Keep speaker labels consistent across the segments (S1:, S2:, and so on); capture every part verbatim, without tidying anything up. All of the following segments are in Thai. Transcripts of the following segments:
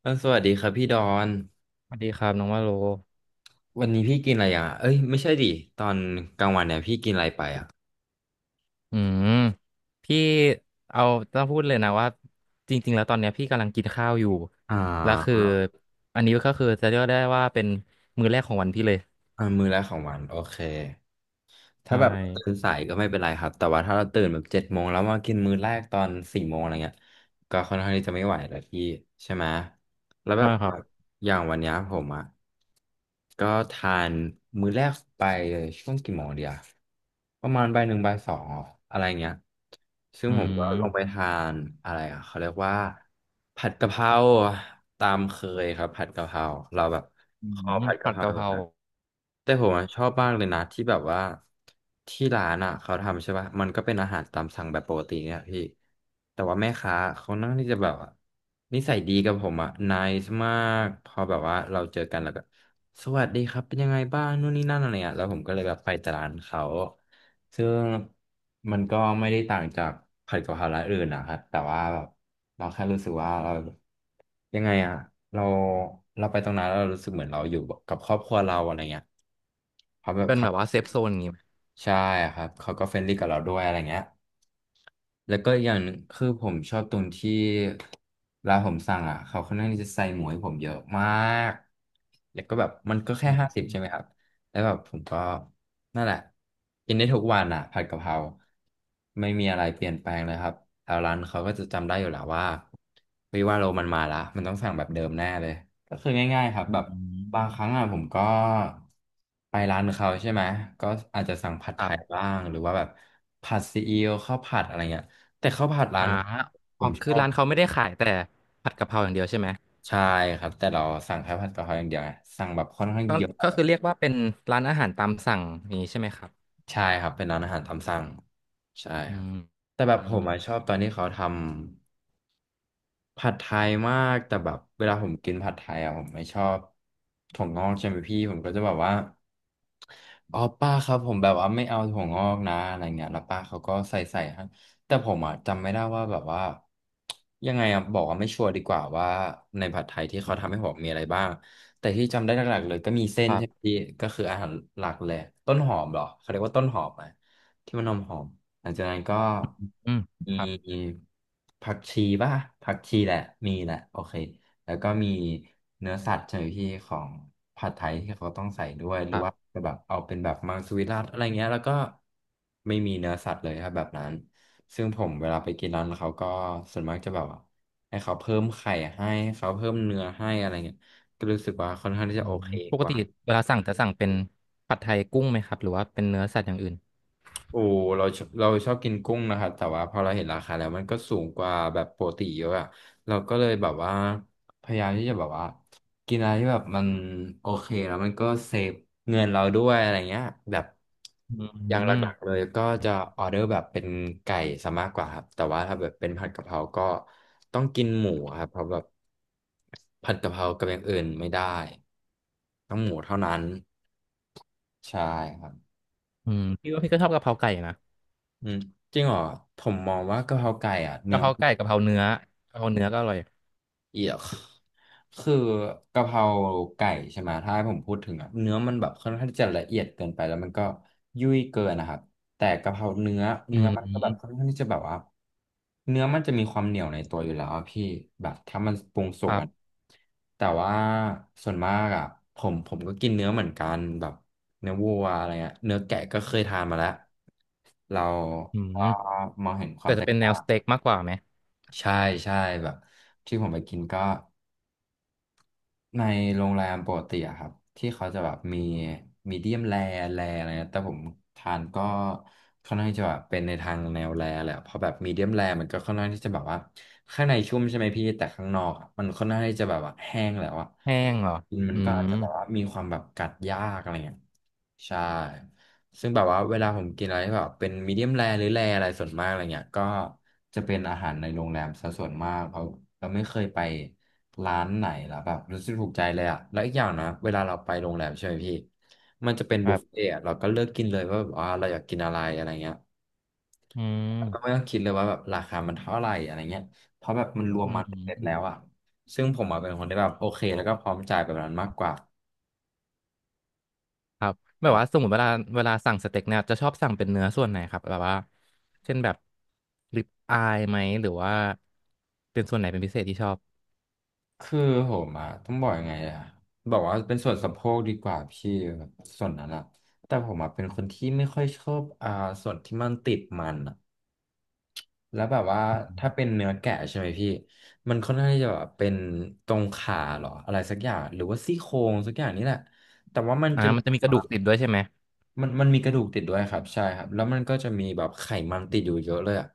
S1: เออสวัสดีครับพี่ดอน
S2: สวัสดีครับน้องว่าโล
S1: วันนี้พี่กินอะไรอ่ะเอ้ยไม่ใช่ดิตอนกลางวันเนี่ยพี่กินอะไรไปอ่ะ
S2: อืมพี่เอาต้องพูดเลยนะว่าจริงๆแล้วตอนเนี้ยพี่กำลังกินข้าวอยู่
S1: อ่
S2: แล้วคือ
S1: า
S2: อันนี้ก็คือจะเรียกได้ว่าเป็นมื้อแรกของวันพี่เลย
S1: อ่ามื้อแรกของวันโอเค ถ้า
S2: ใช่
S1: แบบตื่นสายก็ไม่เป็นไรครับ แต่ว่าถ้าเราตื่นแบบเจ็ดโมงแล้วมากินมื้อแรกตอนสี่โมงอะไรเงี้ยก็ค่อนข้างที่จะไม่ไหวแล้วพี่ใช่ไหม แล้วแบ
S2: ใช่
S1: บ
S2: ค
S1: อ
S2: รับ
S1: ย่างวันเนี้ยผมอ่ะก็ทานมื้อแรกไปเลยช่วงกี่โมงเดียวประมาณบ่ายหนึ่งบ่ายสองอะไรเงี้ยซึ่ง
S2: อื
S1: ผมก็ลงไป
S2: ม
S1: ทานอะไรอ่ะเขาเรียกว่าผัดกะเพราตามเคยครับผัดกะเพราเราแบบ
S2: อื
S1: คอ
S2: ม
S1: ผัดกะ
S2: ผั
S1: เพ
S2: ด
S1: รา
S2: กะเพรา
S1: มา แต่ผมอะชอบมากเลยนะที่แบบว่าที่ร้านอ่ะเขาทำใช่ป่ะมันก็เป็นอาหารตามสั่งแบบปกติเนี่ยพี่แต่ว่าแม่ค้าเขานั่งที่จะแบบว่านิสัยดีกับผมอ่ะนายมากพอแบบว่าเราเจอกันแล้วก็สวัสดีครับเป็นยังไงบ้างนู่นนี่นั่นอะไรเงี้ยแล้วผมก็เลยแบบไปแต่ร้านเขาซึ่งมันก็ไม่ได้ต่างจากผัดกะเพราร้านอื่นนะครับแต่ว่าแบบเราแค่รู้สึกว่าเรา ยังไงอ่ะเราเราไปตรงนั้นแล้วเรารู้สึกเหมือนเราอยู่กับครอบครัวเราอะไรเงี้ยเขาแบบ
S2: เป็น
S1: เขา
S2: แบบ
S1: ก็
S2: ว่าเซฟโซนอย่างงี้ไหม
S1: ใช่ครับเขาก็เฟรนลี่กับเราด้วยอะไรเงี้ยแล้วก็อย่างหนึ่งคือผมชอบตรงที่เวลาผมสั่งอ่ะเขาค่อนข้างที่จะใส่หมูให้ผมเยอะมากแล้วก็แบบมันก็แค่
S2: อื
S1: ห้าสิบ
S2: ม
S1: ใช่ไหมครับแล้วแบบผมก็ นั่นแหละกินได้ทุกวันอ่ะผัดกะเพราไม่มีอะไรเปลี่ยนแปลงเลยครับแถวร้านเขาก็จะจำได้อยู่แล้วว่าเฮ้ยว่าโรมันมาละมันต้องสั่งแบบเดิมแน่เลยก็คือง่ายๆครับ
S2: อื
S1: แบบบางค
S2: ม
S1: รั้งอ่ะผมก็ไปร้านเขาใช่ไหมก็อาจจะสั่งผัด
S2: ค
S1: ไท
S2: รั
S1: ย
S2: บ
S1: บ้างหรือว่าแบบผัดซีอิ๊วข้าวผัดอะไรเงี้ยแต่ข้าวผัดร้า
S2: อ่า
S1: นผ
S2: อ๋อ
S1: มช
S2: คือ
S1: อบ
S2: ร้านเขาไม่ได้ขายแต่ผัดกะเพราอย่างเดียวใช่ไหม
S1: ใช่ครับแต่เราสั่งแค่ผัดกะเพราอย่างเดียวไงสั่งแบบค่อนข้าง
S2: ก็
S1: เยอะ
S2: ก็คือเรียกว่าเป็นร้านอาหารตามสั่งอย่างนี้ใช่ไหมครับ
S1: ใช่ครับเป็นร้านอาหารตามสั่งใช่
S2: อื
S1: ครับ
S2: ม
S1: แต่แบบ
S2: อื
S1: ผ
S2: ม
S1: มอะชอบตอนที่เขาทำ ผัดไทยมากแต่แบบเวลาผมกินผัดไทยอ่ะผมไม่ชอบถั่วงอกใช่ไหมพี่ผมก็จะแบบว่าอ๋อป้าครับผมแบบว่าไม่เอาถั่วงอกนะอะไรเงี้ยแล้วป้าเขาก็ใส่ใส่ให้แต่ผมอ่ะจำไม่ได้ว่าแบบว่ายังไงอ่ะบอกว่าไม่ชัวร์ดีกว่าว่าในผัดไทยที่เขาทำให้ผมมีอะไรบ้างแต่ที่จำได้หลักๆเลยก็มีเส้
S2: ค
S1: น
S2: รั
S1: ใช่ไหม
S2: บ
S1: พี่ก็คืออาหารหลักเลยต้นหอมเหรอเขาเรียกว่าต้นหอมไหมที่มันหอมหอม หลังจากนั้นก็
S2: อืม
S1: ม
S2: ครับ
S1: ีผักชีป่ะผักชีแหละมีแหละโอเคแล้วก็มีเนื้อสัตว์ใช่ไหมพี่ของผัดไทยที่เขาต้องใส่ด้วยห
S2: ค
S1: รือ
S2: รั
S1: ว่า
S2: บ
S1: จะแบบเอาเป็นแบบมังสวิรัติอะไรเงี้ยแล้วก็ไม่มีเนื้อสัตว์เลยครับแบบนั้นซึ่งผมเวลาไปกินร้านเขาก็ส่วนมากจะแบบว่าให้เขาเพิ่มไข่ให้ให้เขาเพิ่มเนื้อให้อะไรเงี้ยก็รู้สึกว่าค่อนข้างที่
S2: อื
S1: จะโอ
S2: ม
S1: เค
S2: ป
S1: ก
S2: กติ
S1: ว่า
S2: เวลาสั่งจะสั่งเป็นผัดไทยกุ้งไหมครับหรือว่าเป็นเนื้อสัตว์อย่างอื่น
S1: โอ้เราชอบเราชอบกินกุ้งนะครับแต่ว่าพอเราเห็นราคาแล้วมันก็สูงกว่าแบบปกติเยอะอะเราก็เลยแบบว่าพยายามที่จะแบบว่ากินอะไรที่แบบมันโอเคแล้วมันก็เซฟเงินเราด้วยอะไรเงี้ยแบบ
S2: อื
S1: อย่างห
S2: ม
S1: ลักๆเลยก็จะออเดอร์แบบเป็นไก่ซะมากกว่าครับแต่ว่าถ้าแบบเป็นผัดกะเพราก็ต้องกินหมูครับเพราะแบบผัดกะเพรากับอย่างอื่นไม่ได้ต้องหมูเท่านั้นใช่ครับ
S2: อืมพี่ว่าพี่ก็ชอบกะเพราไก่นะ
S1: อืมจริงเหรอผมมองว่ากะเพราไก่อ่ะเนื้
S2: กะ
S1: อ
S2: เพราไก่กะเพราเนื้อกะเพราเนื้อก็อร่อย
S1: เอียก คือกะเพราไก่ใช่ไหมถ้าให้ผมพูดถึงอ่ะเนื้อมันแบบค่อนข้างที่จะละเอียดเกินไปแล้วมันก็ยุ่ยเกินนะครับแต่กะเพราเนื้อ
S2: อื
S1: เนื้อมันก็แบบค่อน
S2: ม
S1: ข้างที่จะแบบว่าเนื้อมันจะมีความเหนียวในตัวอยู่แล้วอะพี่แบบถ้ามันปรุงสุ
S2: ค
S1: ก
S2: รั
S1: อ่ะ
S2: บ
S1: แต่ว่าส่วนมากอ่ะผมผมก็กินเนื้อเหมือนกันแบบเนื้อวัวอะไรเงี้ยเนื้อแกะก็เคยทานมาแล้วเรา
S2: อื
S1: ก็
S2: ม
S1: มองเห็นควา
S2: แต่
S1: มแต
S2: จะ
S1: ก
S2: เป็นแน
S1: ต่า
S2: ว
S1: ง
S2: สเต็กมากกว่าไหม
S1: ใช่ใช่แบบที่ผมไปกินก็ในโรงแรมปกติอะครับที่เขาจะแบบมีมีเดียมแรร์แรร์อะไรนะแต่ผมทานก็ค่อนข้างจะแบบเป็นในทางแนวแรร์แหละเพราะแบบมีเดียมแรร์มันก็ค่อนข้างที่จะแบบว่าข้างในชุ่มใช่ไหมพี่แต่ข้างนอกอะมันค่อนข้างที่จะแบบว่าแห้งแล้วอะ
S2: แห้งเหรอ
S1: กินมั
S2: อื
S1: นก็อาจ
S2: ม
S1: จะแบบว่ามีความแบบกัดยากอะไรเงี้ย ใช่ ซึ่งแบบว่าเวลาผมกินอะไรที่แบบเป็นมีเดียมแรหรือแรอะไรส่วนมากอะไรเงี้ยก็จะเป็นอาหารในโรงแรมซะส่วนมากเพราะเราไม่เคยไปร้านไหนแล้วแบบรู้สึกถูกใจเลยอะแล้วอีกอย่างนะเวลาเราไปโรงแรมใช่ไหมพี่มันจะเป็น
S2: ค
S1: บุ
S2: รั
S1: ฟเฟ่
S2: บ
S1: ต์อะเราก็เลือกกินเลยว่าแบบว่าเราอยากกินอะไรอะไรเงี้ย
S2: อื
S1: เราไม่
S2: ม
S1: ต้องคิดเลยว่าแบบราคามันเท่าไหร่อะไรเงี้ยเพราะแบบมันรวม
S2: อื
S1: มาเสร็จแล้ว
S2: ม
S1: อะซึ่งผมอะเป็นคนที่แบบโอเคแล้วก็พร้อมจ่ายแบบนั้นมากกว่า
S2: ครับแบบว่าสมมติเวลาเวลาสั่งสเต็กเนี่ยจะชอบสั่งเป็นเนื้อส่วนไหนครับแบบว่าเช่นแบบริบอายไหมหรือว่าเป็นส่วนไหนเป็นพิเศษที่ชอบ
S1: คือผมอะต้องบอกยังไงอะบอกว่าเป็นส่วนสะโพกดีกว่าพี่แบบส่วนนั้นอะแต่ผมอะเป็นคนที่ไม่ค่อยชอบอ่าส่วนที่มันติดมันอะแล้วแบบว่าถ้าเป็นเนื้อแกะใช่ไหมพี่มันค่อนข้างที่จะแบบเป็นตรงขาเหรออะไรสักอย่างหรือว่าซี่โครงสักอย่างนี่แหละแต่ว่ามัน
S2: อ่า
S1: จะมี
S2: มันจะมีกระดูกติดด้วยใช่ไหม
S1: มันมันมีกระดูกติดด้วยครับใช่ครับแล้วมันก็จะมีแบบไขมันติดอยู่เยอะเลยอะ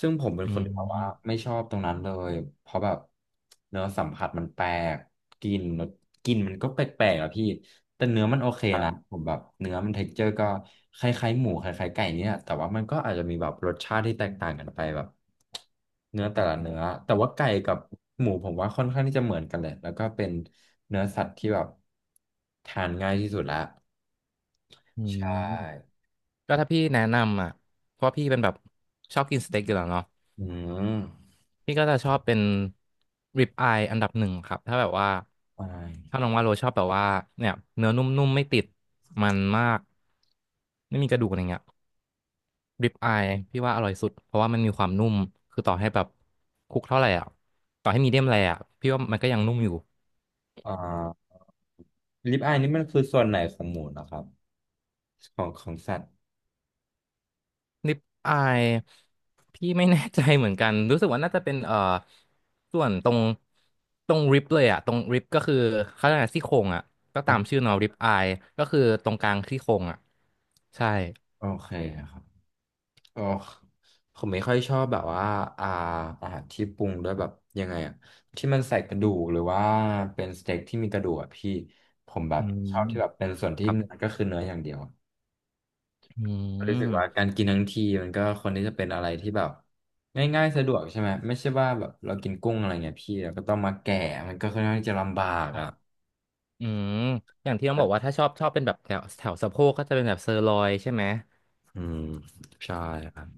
S1: ซึ่งผมเป็น
S2: อื
S1: คนที่แบบว่า
S2: ม
S1: ไม่ชอบตรงนั้นเลยเพราะแบบเนื้อสัมผัสมันแปลกกลินกลินมันก็แปลกๆอะพี่แต่เนื้อมันโอเค
S2: ครับ
S1: นะผมแบบเนื้อมันเท็กเจอร์ก็คล้ายๆหมูคล้ายๆไก่เนี่ยแต่ว่ามันก็อาจจะมีแบบรสชาติที่แตกต่างกันไปแบบเนื้อแต่ละเนื้อแต่ว่าไก่กับหมูผมว่าค่อนข้างที่จะเหมือนกันเลยแล้วก็เป็นเนื้อสัตว์ที่แบบทานง่ายที่สุดละ
S2: อื
S1: ใช่
S2: มก็ถ้าพี่แนะนำอ่ะเพราะว่าพี่เป็นแบบชอบกินสเต็กอยู่แล้วเนาะ
S1: อืม
S2: พี่ก็จะชอบเป็นริบอายอันดับหนึ่งครับถ้าแบบว่า
S1: อาย
S2: ถ้าน้องว่าโรชอบแบบว่าเนี่ยเนื้อนุ่มๆไม่ติดมันมากไม่มีกระดูกอะไรเงี้ยริบอายพี่ว่าอร่อยสุดเพราะว่ามันมีความนุ่มคือต่อให้แบบคลุกเท่าไหร่อ่ะต่อให้มีเดียมแรร์อ่ะพี่ว่ามันก็ยังนุ่มอยู่
S1: อ่าลิปอายนี่มันคือส่วนไหนของหมูนะครับของของสัตว์
S2: นิปอายพี่ไม่แน่ใจเหมือนกันรู้สึกว่าน่าจะเป็นเอ่อส่วนตรงตรงริบเลยอะตรงริบก็คือเขาเรียกอะไรซี่โครงอะก็ตาม
S1: อ่ะ
S2: ชื่อเนาะริบอายก็คือตรงกลางซี่โครงอะใช่
S1: โอเคครับโอ้ผมไม่ค่อยชอบแบบว่าอ่าอาหารที่ปรุงด้วยแบบยังไงอะที่มันใส่กระดูกหรือว่าเป็นสเต็กที่มีกระดูกอะพี่ผมแบ
S2: อื
S1: บ
S2: ม
S1: ชอบที่แบบเป็นส่วน
S2: ค
S1: ที่
S2: รับ
S1: เนื้อก็คือเนื้ออย่างเดียวอะ
S2: อื
S1: รู้สึก
S2: ม
S1: ว่าการกินทั้งทีมันก็คนที่จะเป็นอะไรที่แบบง่ายๆสะดวกใช่ไหมไม่ใช่ว่าแบบเรากินกุ้งอะไรเงี้ยพี่เราก็ต้องมาแกะมันก็ค่อนข้างที่จะลำบาก
S2: ครั
S1: อ่ะ
S2: บอืมอย่างที่ต้องบอกว่าถ้าชอบชอบเป็นแบบแถวแถวสะโพกก็จะเป็นแบบเซอร์ลอยใช่ไหม
S1: อืมใช่ครับ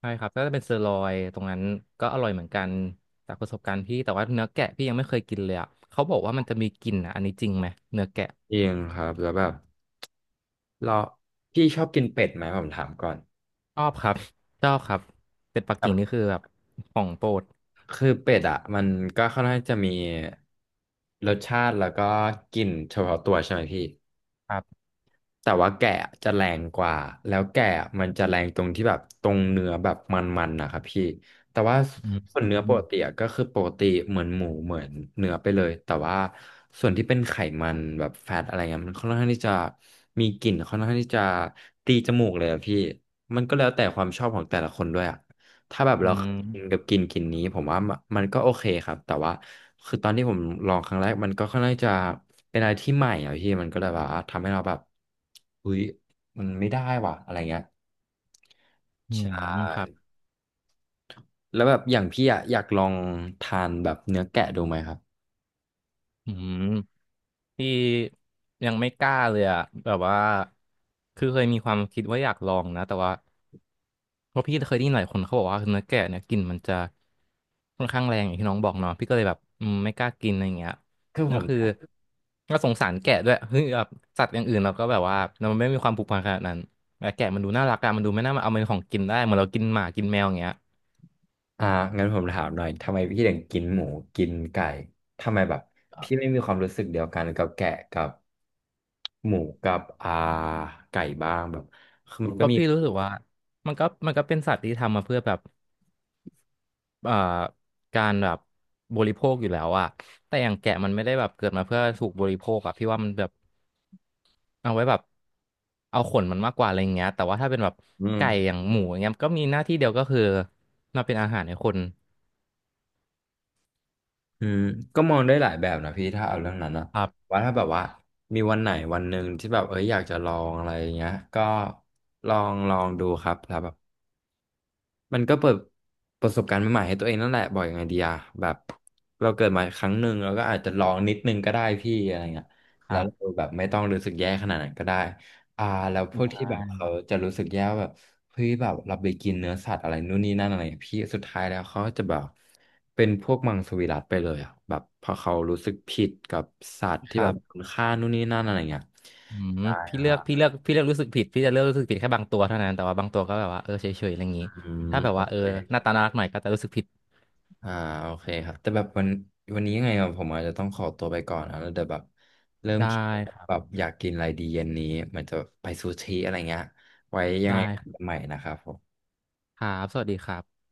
S2: ใช่ครับก็จะเป็นเซอร์ลอยตรงนั้นก็อร่อยเหมือนกันจากประสบการณ์พี่แต่ว่าเนื้อแกะพี่ยังไม่เคยกินเลยอ่ะเขาบอกว่ามันจะมีกลิ่นอ่ะอันนี้จริงไหมเนื้อแกะ
S1: จริงครับแล้วแบบเราพี่ชอบกินเป็ดไหมผมถามก่อน
S2: ชอบครับชอบครับเป็ดปักกิ่ง
S1: แบ
S2: นี่
S1: บ
S2: คือแบบของโปรด
S1: คือเป็ดอ่ะมันก็ค่อนข้างจะมีรสชาติแล้วก็กลิ่นเฉพาะตัวใช่ไหมพี่
S2: ครับ
S1: แต่ว่าแกะจะแรงกว่า แล้วแกะมันจะแรงตรงที่แบบตรงเนื้อแบบมันๆนะครับพี่ แต่ว่า
S2: อื
S1: ส่วน
S2: ม
S1: เนื้อปกติอะก็คือปกติเหมือนหมูเหมือนเนื้อไปเลย แต่ว่าส่วนที่เป็นไขมันแบบแฟตอะไรเงี้ยมันค่อนข้างที่จะมีกลิ่นค่อนข้างที่จะตีจมูกเลยอะพี่มันก็แล้วแต่ความชอบของแต่ละคนด้วยอะ ถ้าแบบ
S2: อื
S1: เราเคย
S2: ม
S1: กินกับกลินกลินนี้ผมว่ามันมันก็โอเคครับแต่ว่าคือตอนที่ผมลองครั้งแรกมันก็ค่อนข้างจะเป็นอะไรที่ใหม่อ่ะพี่มันก็เลยแบบว่าทำให้เราแบบอุ้ยมันไม่ได้ว่ะอะไรเงี้ย
S2: อื
S1: ใช
S2: มครับ
S1: ่แล้วแบบอย่างพี่อ่ะอยากลองทานแบบเนื้อแกะดูไหมครับ
S2: อืม ที่ยังไม่กล้าเลยอะแบบว่าคือเคยมีความคิดว่าอยากลองนะแต่ว่าเพราะพี่เคยได้ยินหลายคนเขาบอกว่าเนื้อแกะเนี่ยกลิ่นมันจะค่อนข้างแรงอย่างที่น้องบอกเนาะพี่ก็เลยแบบอืมไม่กล้ากินอะไรเงี้ย
S1: คือผ
S2: ก็
S1: ม
S2: คือก็สงสารแกะด้วยคือแบบสัตว์อย่างอื่นเราก็แบบว่าเราไม่มีความผูกพันขนาดนั้นแต่แกะมันดูน่ารักอะมันดูไม่น่ามาเอาเป็นของกินได้เหมือนเรากินหมากินแมวอย่างเงี้ย
S1: อ่างั้นผมถามหน่อยทำไมพี่ถึงกินหมูกินไก่ทำไมแบบพี่ไม่มีความรู้สึกเดียวกันกับแกะกับหมูกับอ่าไก่บ้างแบบคือมันก็
S2: ก็
S1: มี
S2: พี่รู้สึกว่ามันก็มันก็เป็นสัตว์ที่ทำมาเพื่อแบบ เอ่อการแบบบริโภคอยู่แล้วอะแต่อย่างแกะมันไม่ได้แบบเกิดมาเพื่อถูกบริโภคอะพี่ว่ามันแบบเอาไว้แบบเอาขนมันมากกว่าอะไรอย่างเงี้ยแต่ว่าถ้าเป็นแบบ
S1: อืม
S2: ไก่อย่างหมูอย่างเงี้ยก็มีหน้าที่เดียวก็คือมาเป็นอาหารให้คน
S1: อืมก็มองได้หลายแบบนะพี่ถ้าเอาเรื่องนั้นนะ
S2: ครับ
S1: ว่าถ้าแบบว่ามีวันไหนวันหนึ่งที่แบบเอ้ยอยากจะลองอะไรอย่างเงี้ยก็ลองลองดูครับ มันก็เปิดประสบการณ์ใหม่ๆให้ตัวเองนั่นแหละบอกยังไงดีอะแบบเราเกิดมาครั้งหนึ่งเราก็อาจจะลองนิดนึงก็ได้พี่อะไรเงี้ย
S2: ค
S1: แล้
S2: รั
S1: ว
S2: บ
S1: เราแบบไม่ต้องรู้สึกแย่ขนาดนั้นก็ได้อ่าแล้วพวก
S2: ใช
S1: ที่แบบ
S2: ่
S1: เขาจะรู้สึกแย่ว่าแบบเฮ้ยแบบเราไปกินเนื้อสัตว์อะไรนู่นนี่นั่นอะไรอะพี่สุดท้ายแล้วเขาจะแบบเป็นพวกมังสวิรัติไปเลยอะแบบพอเขารู้สึกผิดกับสัตว์
S2: ค
S1: ที่แบ
S2: รั
S1: บ
S2: บ
S1: คุณค่านู่นนี่นั่นอะไรเงี้ย
S2: อืม
S1: ใช่
S2: พี่
S1: ค
S2: เลื
S1: รั
S2: อก
S1: บ
S2: พี่เลือกพี่เลือกรู้สึกผิดพี่จะเลือกรู้สึกผิดแค่บางตัวเท่านั้นแต่ว่าบางตัวก็แบบว่าเออเฉยๆอะไรอย่างงี้
S1: อืม
S2: ถ้าแบบ
S1: โอ
S2: ว่าเออ
S1: เค
S2: หน้าตาน่ารักหน่อยก็จะรู้สึกผิด
S1: อ่าโอเคครับแต่แบบวันวันนี้ยังไงอะผมอาจจะต้องขอตัวไปก่อนนะแล้วเดี๋ยวแบบเริ่ม
S2: ได้
S1: คิดว่
S2: ค
S1: า
S2: รั
S1: แบบ
S2: บ
S1: อยากกินอะไรดีเย็นนี้เหมือนจะไปซูชิอะไรเงี้ยไว้ยังไง
S2: ได้ครั
S1: กัน
S2: บ
S1: ใหม่นะครับผม
S2: ครับสวัสดีครับ